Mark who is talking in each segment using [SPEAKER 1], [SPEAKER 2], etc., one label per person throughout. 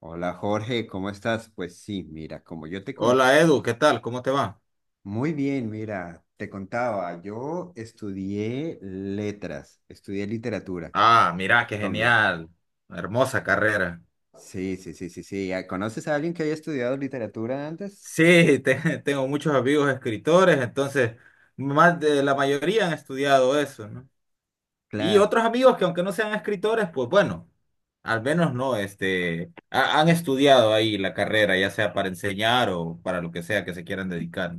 [SPEAKER 1] Hola Jorge, ¿cómo estás? Pues sí, mira, como yo te conté,
[SPEAKER 2] Hola Edu, ¿qué tal? ¿Cómo te va?
[SPEAKER 1] muy bien, mira, te contaba, yo estudié letras, estudié literatura.
[SPEAKER 2] Ah, mira, qué
[SPEAKER 1] También.
[SPEAKER 2] genial. Hermosa carrera.
[SPEAKER 1] Sí, sí, sí, sí, sí. Ah, ¿conoces a alguien que haya estudiado literatura antes?
[SPEAKER 2] Sí, tengo muchos amigos escritores, entonces más de la mayoría han estudiado eso, ¿no? Y
[SPEAKER 1] Claro.
[SPEAKER 2] otros amigos que aunque no sean escritores, pues bueno, al menos no, han estudiado ahí la carrera, ya sea para enseñar o para lo que sea que se quieran dedicar.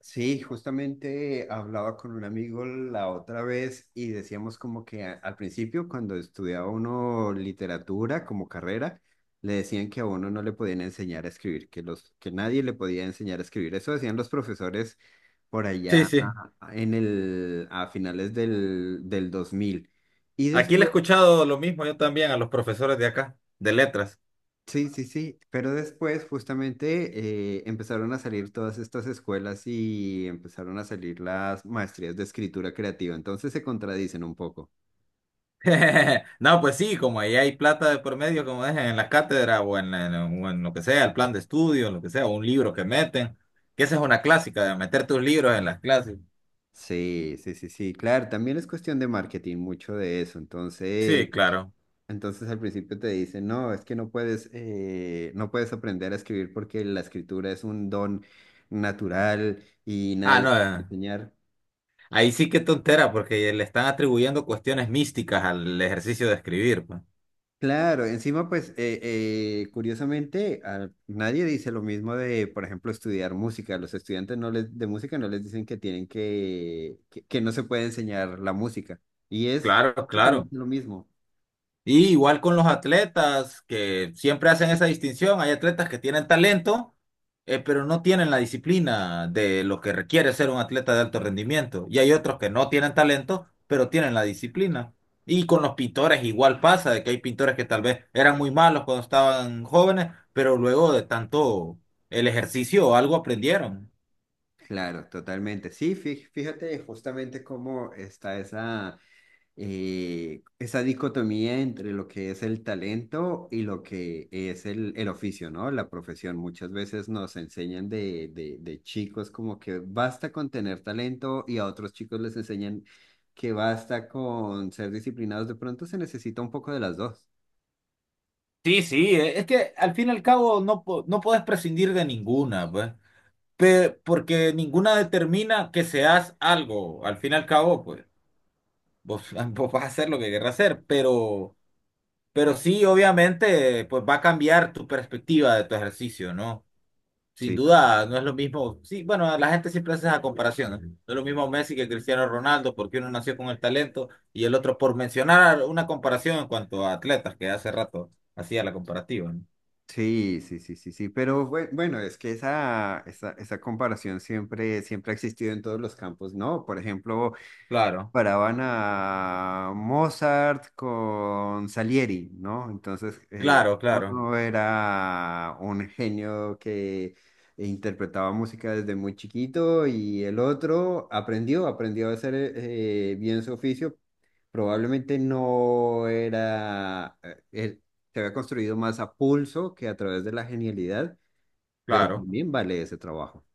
[SPEAKER 1] Sí, justamente hablaba con un amigo la otra vez y decíamos como que al principio cuando estudiaba uno literatura como carrera, le decían que a uno no le podían enseñar a escribir, que los que nadie le podía enseñar a escribir. Eso decían los profesores por
[SPEAKER 2] Sí,
[SPEAKER 1] allá
[SPEAKER 2] sí.
[SPEAKER 1] en el a finales del 2000. Y
[SPEAKER 2] Aquí le he
[SPEAKER 1] después
[SPEAKER 2] escuchado lo mismo yo también a los profesores de acá, de letras.
[SPEAKER 1] sí, sí, sí, pero después justamente empezaron a salir todas estas escuelas y empezaron a salir las maestrías de escritura creativa, entonces se contradicen un poco.
[SPEAKER 2] No, pues sí, como ahí hay plata de por medio, como dejan en las cátedras o en o en lo que sea, el plan de estudio, lo que sea, un libro que meten, que esa es una clásica, de meter tus libros en las clases.
[SPEAKER 1] Sí, sí, sí, sí, claro, también es cuestión de marketing, mucho de eso, entonces,
[SPEAKER 2] Sí, claro.
[SPEAKER 1] entonces al principio te dicen, no, es que no puedes, no puedes aprender a escribir porque la escritura es un don natural y
[SPEAKER 2] Ah,
[SPEAKER 1] nadie
[SPEAKER 2] no,
[SPEAKER 1] te va a enseñar.
[SPEAKER 2] ahí sí que tontera, porque le están atribuyendo cuestiones místicas al ejercicio de escribir, pues.
[SPEAKER 1] Claro, encima pues curiosamente a nadie dice lo mismo de, por ejemplo, estudiar música. Los estudiantes no les, de música no les dicen que tienen que no se puede enseñar la música. Y es
[SPEAKER 2] Claro, claro.
[SPEAKER 1] prácticamente lo mismo.
[SPEAKER 2] Y igual con los atletas que siempre hacen esa distinción, hay atletas que tienen talento, pero no tienen la disciplina de lo que requiere ser un atleta de alto rendimiento. Y hay otros que no tienen talento, pero tienen la disciplina. Y con los pintores igual pasa, de que hay pintores que tal vez eran muy malos cuando estaban jóvenes, pero luego de tanto el ejercicio o algo aprendieron.
[SPEAKER 1] Claro, totalmente. Sí, fíjate justamente cómo está esa, esa dicotomía entre lo que es el talento y lo que es el oficio, ¿no? La profesión. Muchas veces nos enseñan de chicos como que basta con tener talento y a otros chicos les enseñan que basta con ser disciplinados. De pronto se necesita un poco de las dos.
[SPEAKER 2] Sí, sí, es que al fin y al cabo no, no puedes prescindir de ninguna, pues. Porque ninguna determina que seas algo, al fin y al cabo, pues vos, vos vas a hacer lo que querrás hacer, pero, sí, obviamente, pues va a cambiar tu perspectiva de tu ejercicio, ¿no? Sin
[SPEAKER 1] Sí, total.
[SPEAKER 2] duda, no es lo mismo, sí, bueno, la gente siempre hace esa comparación, ¿no? No es lo mismo Messi que Cristiano Ronaldo, porque uno nació con el talento y el otro, por mencionar una comparación en cuanto a atletas, que hace rato hacía la comparativa, ¿no?
[SPEAKER 1] Sí, sí, sí, sí, sí, pero bueno, es que esa comparación siempre, siempre ha existido en todos los campos, ¿no? Por ejemplo,
[SPEAKER 2] Claro,
[SPEAKER 1] Caravana Mozart con Salieri, ¿no? Entonces,
[SPEAKER 2] claro, claro,
[SPEAKER 1] uno era un genio que interpretaba música desde muy chiquito y el otro aprendió, aprendió a hacer bien su oficio. Probablemente no era, él se había construido más a pulso que a través de la genialidad, pero
[SPEAKER 2] claro.
[SPEAKER 1] también vale ese trabajo.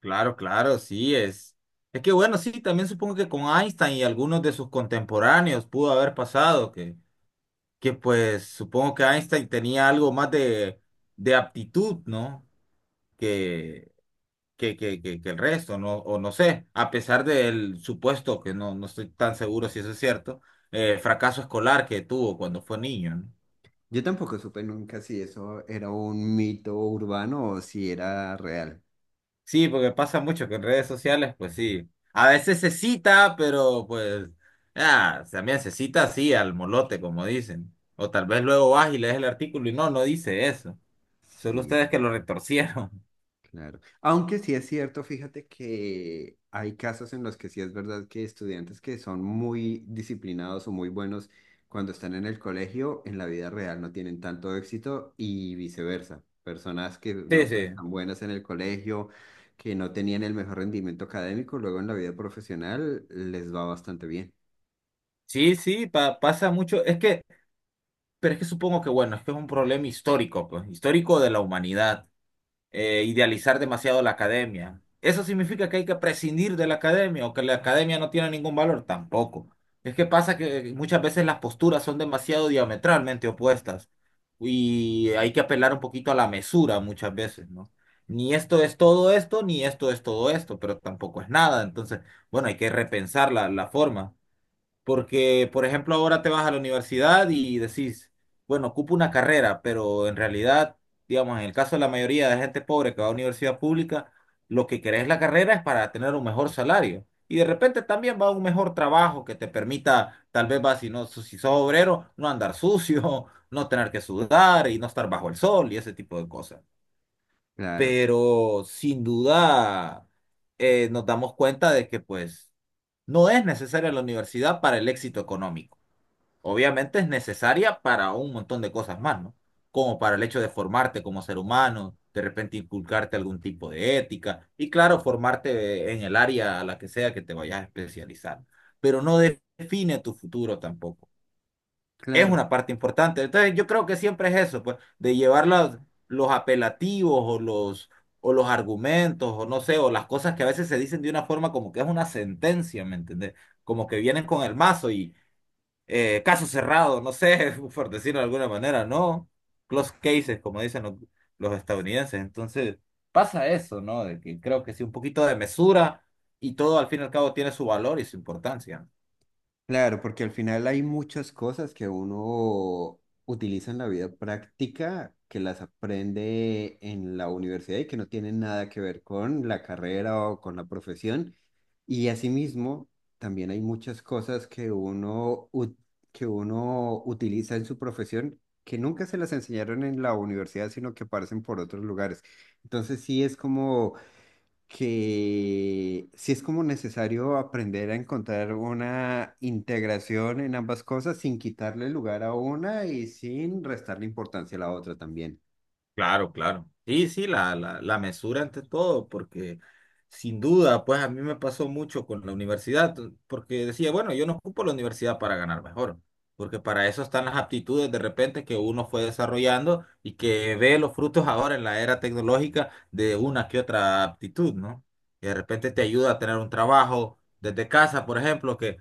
[SPEAKER 2] Claro, claro, sí es. Es que bueno, sí, también supongo que con Einstein y algunos de sus contemporáneos pudo haber pasado, que, pues supongo que Einstein tenía algo más de aptitud, ¿no? Que, que el resto, ¿no? O no sé, a pesar del supuesto, que no estoy tan seguro si eso es cierto, fracaso escolar que tuvo cuando fue niño, ¿no?
[SPEAKER 1] Yo tampoco supe nunca si eso era un mito urbano o si era real.
[SPEAKER 2] Sí, porque pasa mucho que en redes sociales, pues sí. A veces se cita, pero pues, también se cita así, al molote, como dicen. O tal vez luego vas y lees el artículo y no dice eso. Solo
[SPEAKER 1] Sí,
[SPEAKER 2] ustedes que lo retorcieron.
[SPEAKER 1] claro. Aunque sí es cierto, fíjate que hay casos en los que sí es verdad que estudiantes que son muy disciplinados o muy buenos cuando están en el colegio, en la vida real no tienen tanto éxito y viceversa. Personas que
[SPEAKER 2] Sí,
[SPEAKER 1] no fueron
[SPEAKER 2] sí.
[SPEAKER 1] tan buenas en el colegio, que no tenían el mejor rendimiento académico, luego en la vida profesional les va bastante bien.
[SPEAKER 2] Sí, sí, pasa mucho. Es que, pero es que supongo que, bueno, es que es un problema histórico, pues, histórico de la humanidad. Idealizar demasiado la academia. ¿Eso significa que hay que prescindir de la academia o que la academia no tiene ningún valor? Tampoco. Es que pasa que muchas veces las posturas son demasiado diametralmente opuestas y hay que apelar un poquito a la mesura muchas veces, ¿no? Ni esto es todo esto, ni esto es todo esto, pero tampoco es nada. Entonces, bueno, hay que repensar la forma. Porque, por ejemplo, ahora te vas a la universidad y decís, bueno, ocupo una carrera, pero en realidad, digamos, en el caso de la mayoría de gente pobre que va a universidad pública, lo que querés la carrera es para tener un mejor salario. Y de repente también va a un mejor trabajo que te permita, tal vez va, si no, si sos obrero, no andar sucio, no tener que sudar y no estar bajo el sol y ese tipo de cosas,
[SPEAKER 1] Claro.
[SPEAKER 2] pero sin duda nos damos cuenta de que pues no es necesaria la universidad para el éxito económico. Obviamente es necesaria para un montón de cosas más, ¿no? Como para el hecho de formarte como ser humano, de repente inculcarte algún tipo de ética y claro, formarte en el área a la que sea que te vayas a especializar, pero no define tu futuro tampoco, es
[SPEAKER 1] Claro,
[SPEAKER 2] una parte importante. Entonces, yo creo que siempre es eso, pues, de llevar los apelativos o los argumentos, o no sé, o las cosas que a veces se dicen de una forma como que es una sentencia, ¿me entendés? Como que vienen con el mazo y caso cerrado, no sé, por decirlo de alguna manera, ¿no? Close cases, como dicen los estadounidenses. Entonces, pasa eso, ¿no? De que creo que sí, un poquito de mesura y todo al fin y al cabo tiene su valor y su importancia.
[SPEAKER 1] claro, porque al final hay muchas cosas que uno utiliza en la vida práctica, que las aprende en la universidad y que no tienen nada que ver con la carrera o con la profesión. Y asimismo, también hay muchas cosas que que uno utiliza en su profesión que nunca se las enseñaron en la universidad, sino que aparecen por otros lugares. Entonces sí es como que sí es como necesario aprender a encontrar una integración en ambas cosas sin quitarle lugar a una y sin restarle importancia a la otra también.
[SPEAKER 2] Claro, claro. Sí, sí, la mesura ante todo, porque sin duda, pues a mí me pasó mucho con la universidad, porque decía, bueno, yo no ocupo la universidad para ganar mejor, porque para eso están las aptitudes de repente que uno fue desarrollando y que ve los frutos ahora en la era tecnológica de una que otra aptitud, ¿no? Y de repente te ayuda a tener un trabajo desde casa, por ejemplo, que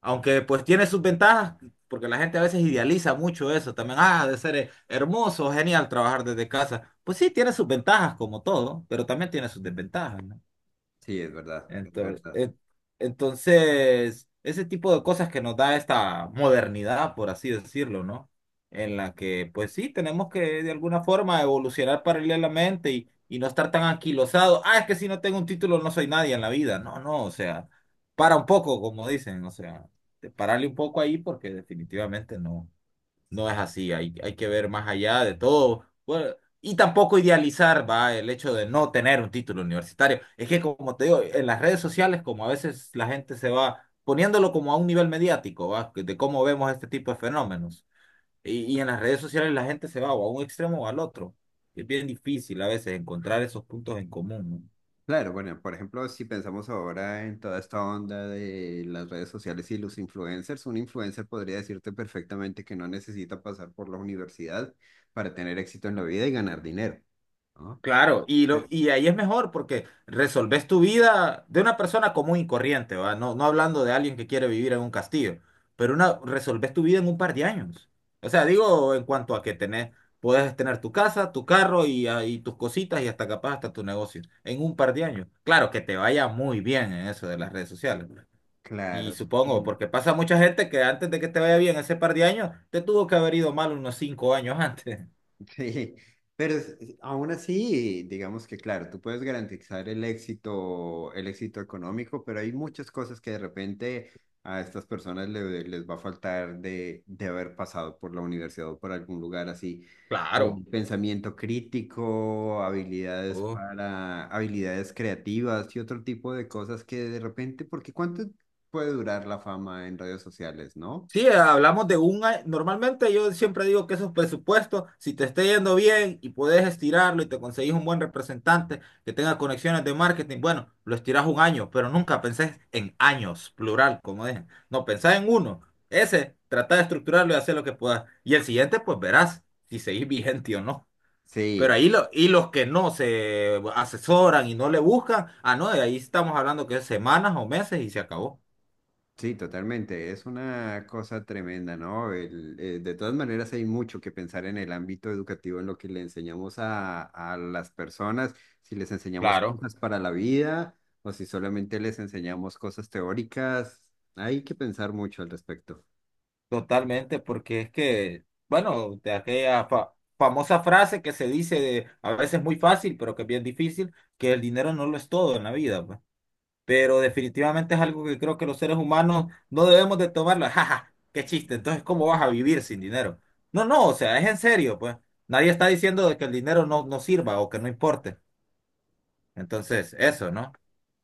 [SPEAKER 2] aunque pues tiene sus ventajas, porque la gente a veces idealiza mucho eso también. Ah, ha de ser hermoso, genial trabajar desde casa. Pues sí, tiene sus ventajas como todo, pero también tiene sus desventajas, ¿no?
[SPEAKER 1] Sí, es verdad, es
[SPEAKER 2] Entonces,
[SPEAKER 1] verdad.
[SPEAKER 2] entonces, ese tipo de cosas que nos da esta modernidad, por así decirlo, ¿no? En la que, pues sí, tenemos que de alguna forma evolucionar paralelamente y no estar tan anquilosados. Ah, es que si no tengo un título no soy nadie en la vida. No, no, o sea, para un poco, como dicen, o sea, pararle un poco ahí porque definitivamente no. No es así, hay que ver más allá de todo. Bueno, y tampoco idealizar, va, el hecho de no tener un título universitario. Es que, como te digo, en las redes sociales, como a veces la gente se va poniéndolo como a un nivel mediático, va, de cómo vemos este tipo de fenómenos. Y en las redes sociales la gente se va o a un extremo o al otro. Es bien difícil a veces encontrar esos puntos en común, ¿no?
[SPEAKER 1] Claro, bueno, por ejemplo, si pensamos ahora en toda esta onda de las redes sociales y los influencers, un influencer podría decirte perfectamente que no necesita pasar por la universidad para tener éxito en la vida y ganar dinero, ¿no?
[SPEAKER 2] Claro, y, lo,
[SPEAKER 1] Pero,
[SPEAKER 2] y ahí es mejor porque resolves tu vida de una persona común y corriente, ¿va? No, no hablando de alguien que quiere vivir en un castillo, pero resolves tu vida en un par de años. O sea, digo en cuanto a que puedes tener tu casa, tu carro y tus cositas y hasta capaz hasta tu negocio en un par de años. Claro, que te vaya muy bien en eso de las redes sociales. Y
[SPEAKER 1] claro.
[SPEAKER 2] supongo,
[SPEAKER 1] Sí.
[SPEAKER 2] porque pasa mucha gente que antes de que te vaya bien ese par de años, te tuvo que haber ido mal unos 5 años antes.
[SPEAKER 1] Sí, pero aún así, digamos que claro, tú puedes garantizar el éxito económico, pero hay muchas cosas que de repente a estas personas les va a faltar de haber pasado por la universidad o por algún lugar así. Pensamiento crítico, habilidades
[SPEAKER 2] Claro.
[SPEAKER 1] para, habilidades creativas y otro tipo de cosas que de repente, porque ¿cuánto puede durar la fama en redes sociales, no?
[SPEAKER 2] Sí, hablamos de un año. Normalmente yo siempre digo que esos presupuestos, si te está yendo bien y puedes estirarlo y te conseguís un buen representante que tenga conexiones de marketing, bueno, lo estirás un año, pero nunca pensés en años, plural, como dejen. No, pensás en uno. Ese, trata de estructurarlo y hacer lo que puedas. Y el siguiente, pues verás si seguís vigente o no. Pero
[SPEAKER 1] Sí.
[SPEAKER 2] ahí y los que no se asesoran y no le buscan, no, de ahí estamos hablando que es semanas o meses y se acabó.
[SPEAKER 1] Sí, totalmente. Es una cosa tremenda, ¿no? El, de todas maneras, hay mucho que pensar en el ámbito educativo, en lo que le enseñamos a las personas, si les enseñamos
[SPEAKER 2] Claro.
[SPEAKER 1] cosas para la vida o si solamente les enseñamos cosas teóricas. Hay que pensar mucho al respecto.
[SPEAKER 2] Totalmente, porque es que, bueno, de aquella famosa frase que se dice de, a veces muy fácil, pero que es bien difícil, que el dinero no lo es todo en la vida, pues. Pero definitivamente es algo que creo que los seres humanos no debemos de tomarlo. Jaja, qué chiste. Entonces, ¿cómo vas a vivir sin dinero? No, no, o sea, es en serio, pues. Nadie está diciendo de que el dinero no sirva o que no importe. Entonces, eso, ¿no?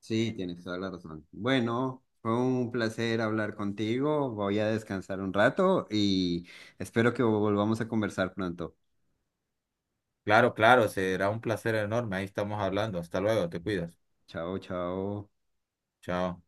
[SPEAKER 1] Sí, tienes toda la razón. Bueno, fue un placer hablar contigo. Voy a descansar un rato y espero que volvamos a conversar pronto.
[SPEAKER 2] Claro, claro, será un placer enorme. Ahí estamos hablando. Hasta luego, te cuidas.
[SPEAKER 1] Chao, chao.
[SPEAKER 2] Chao.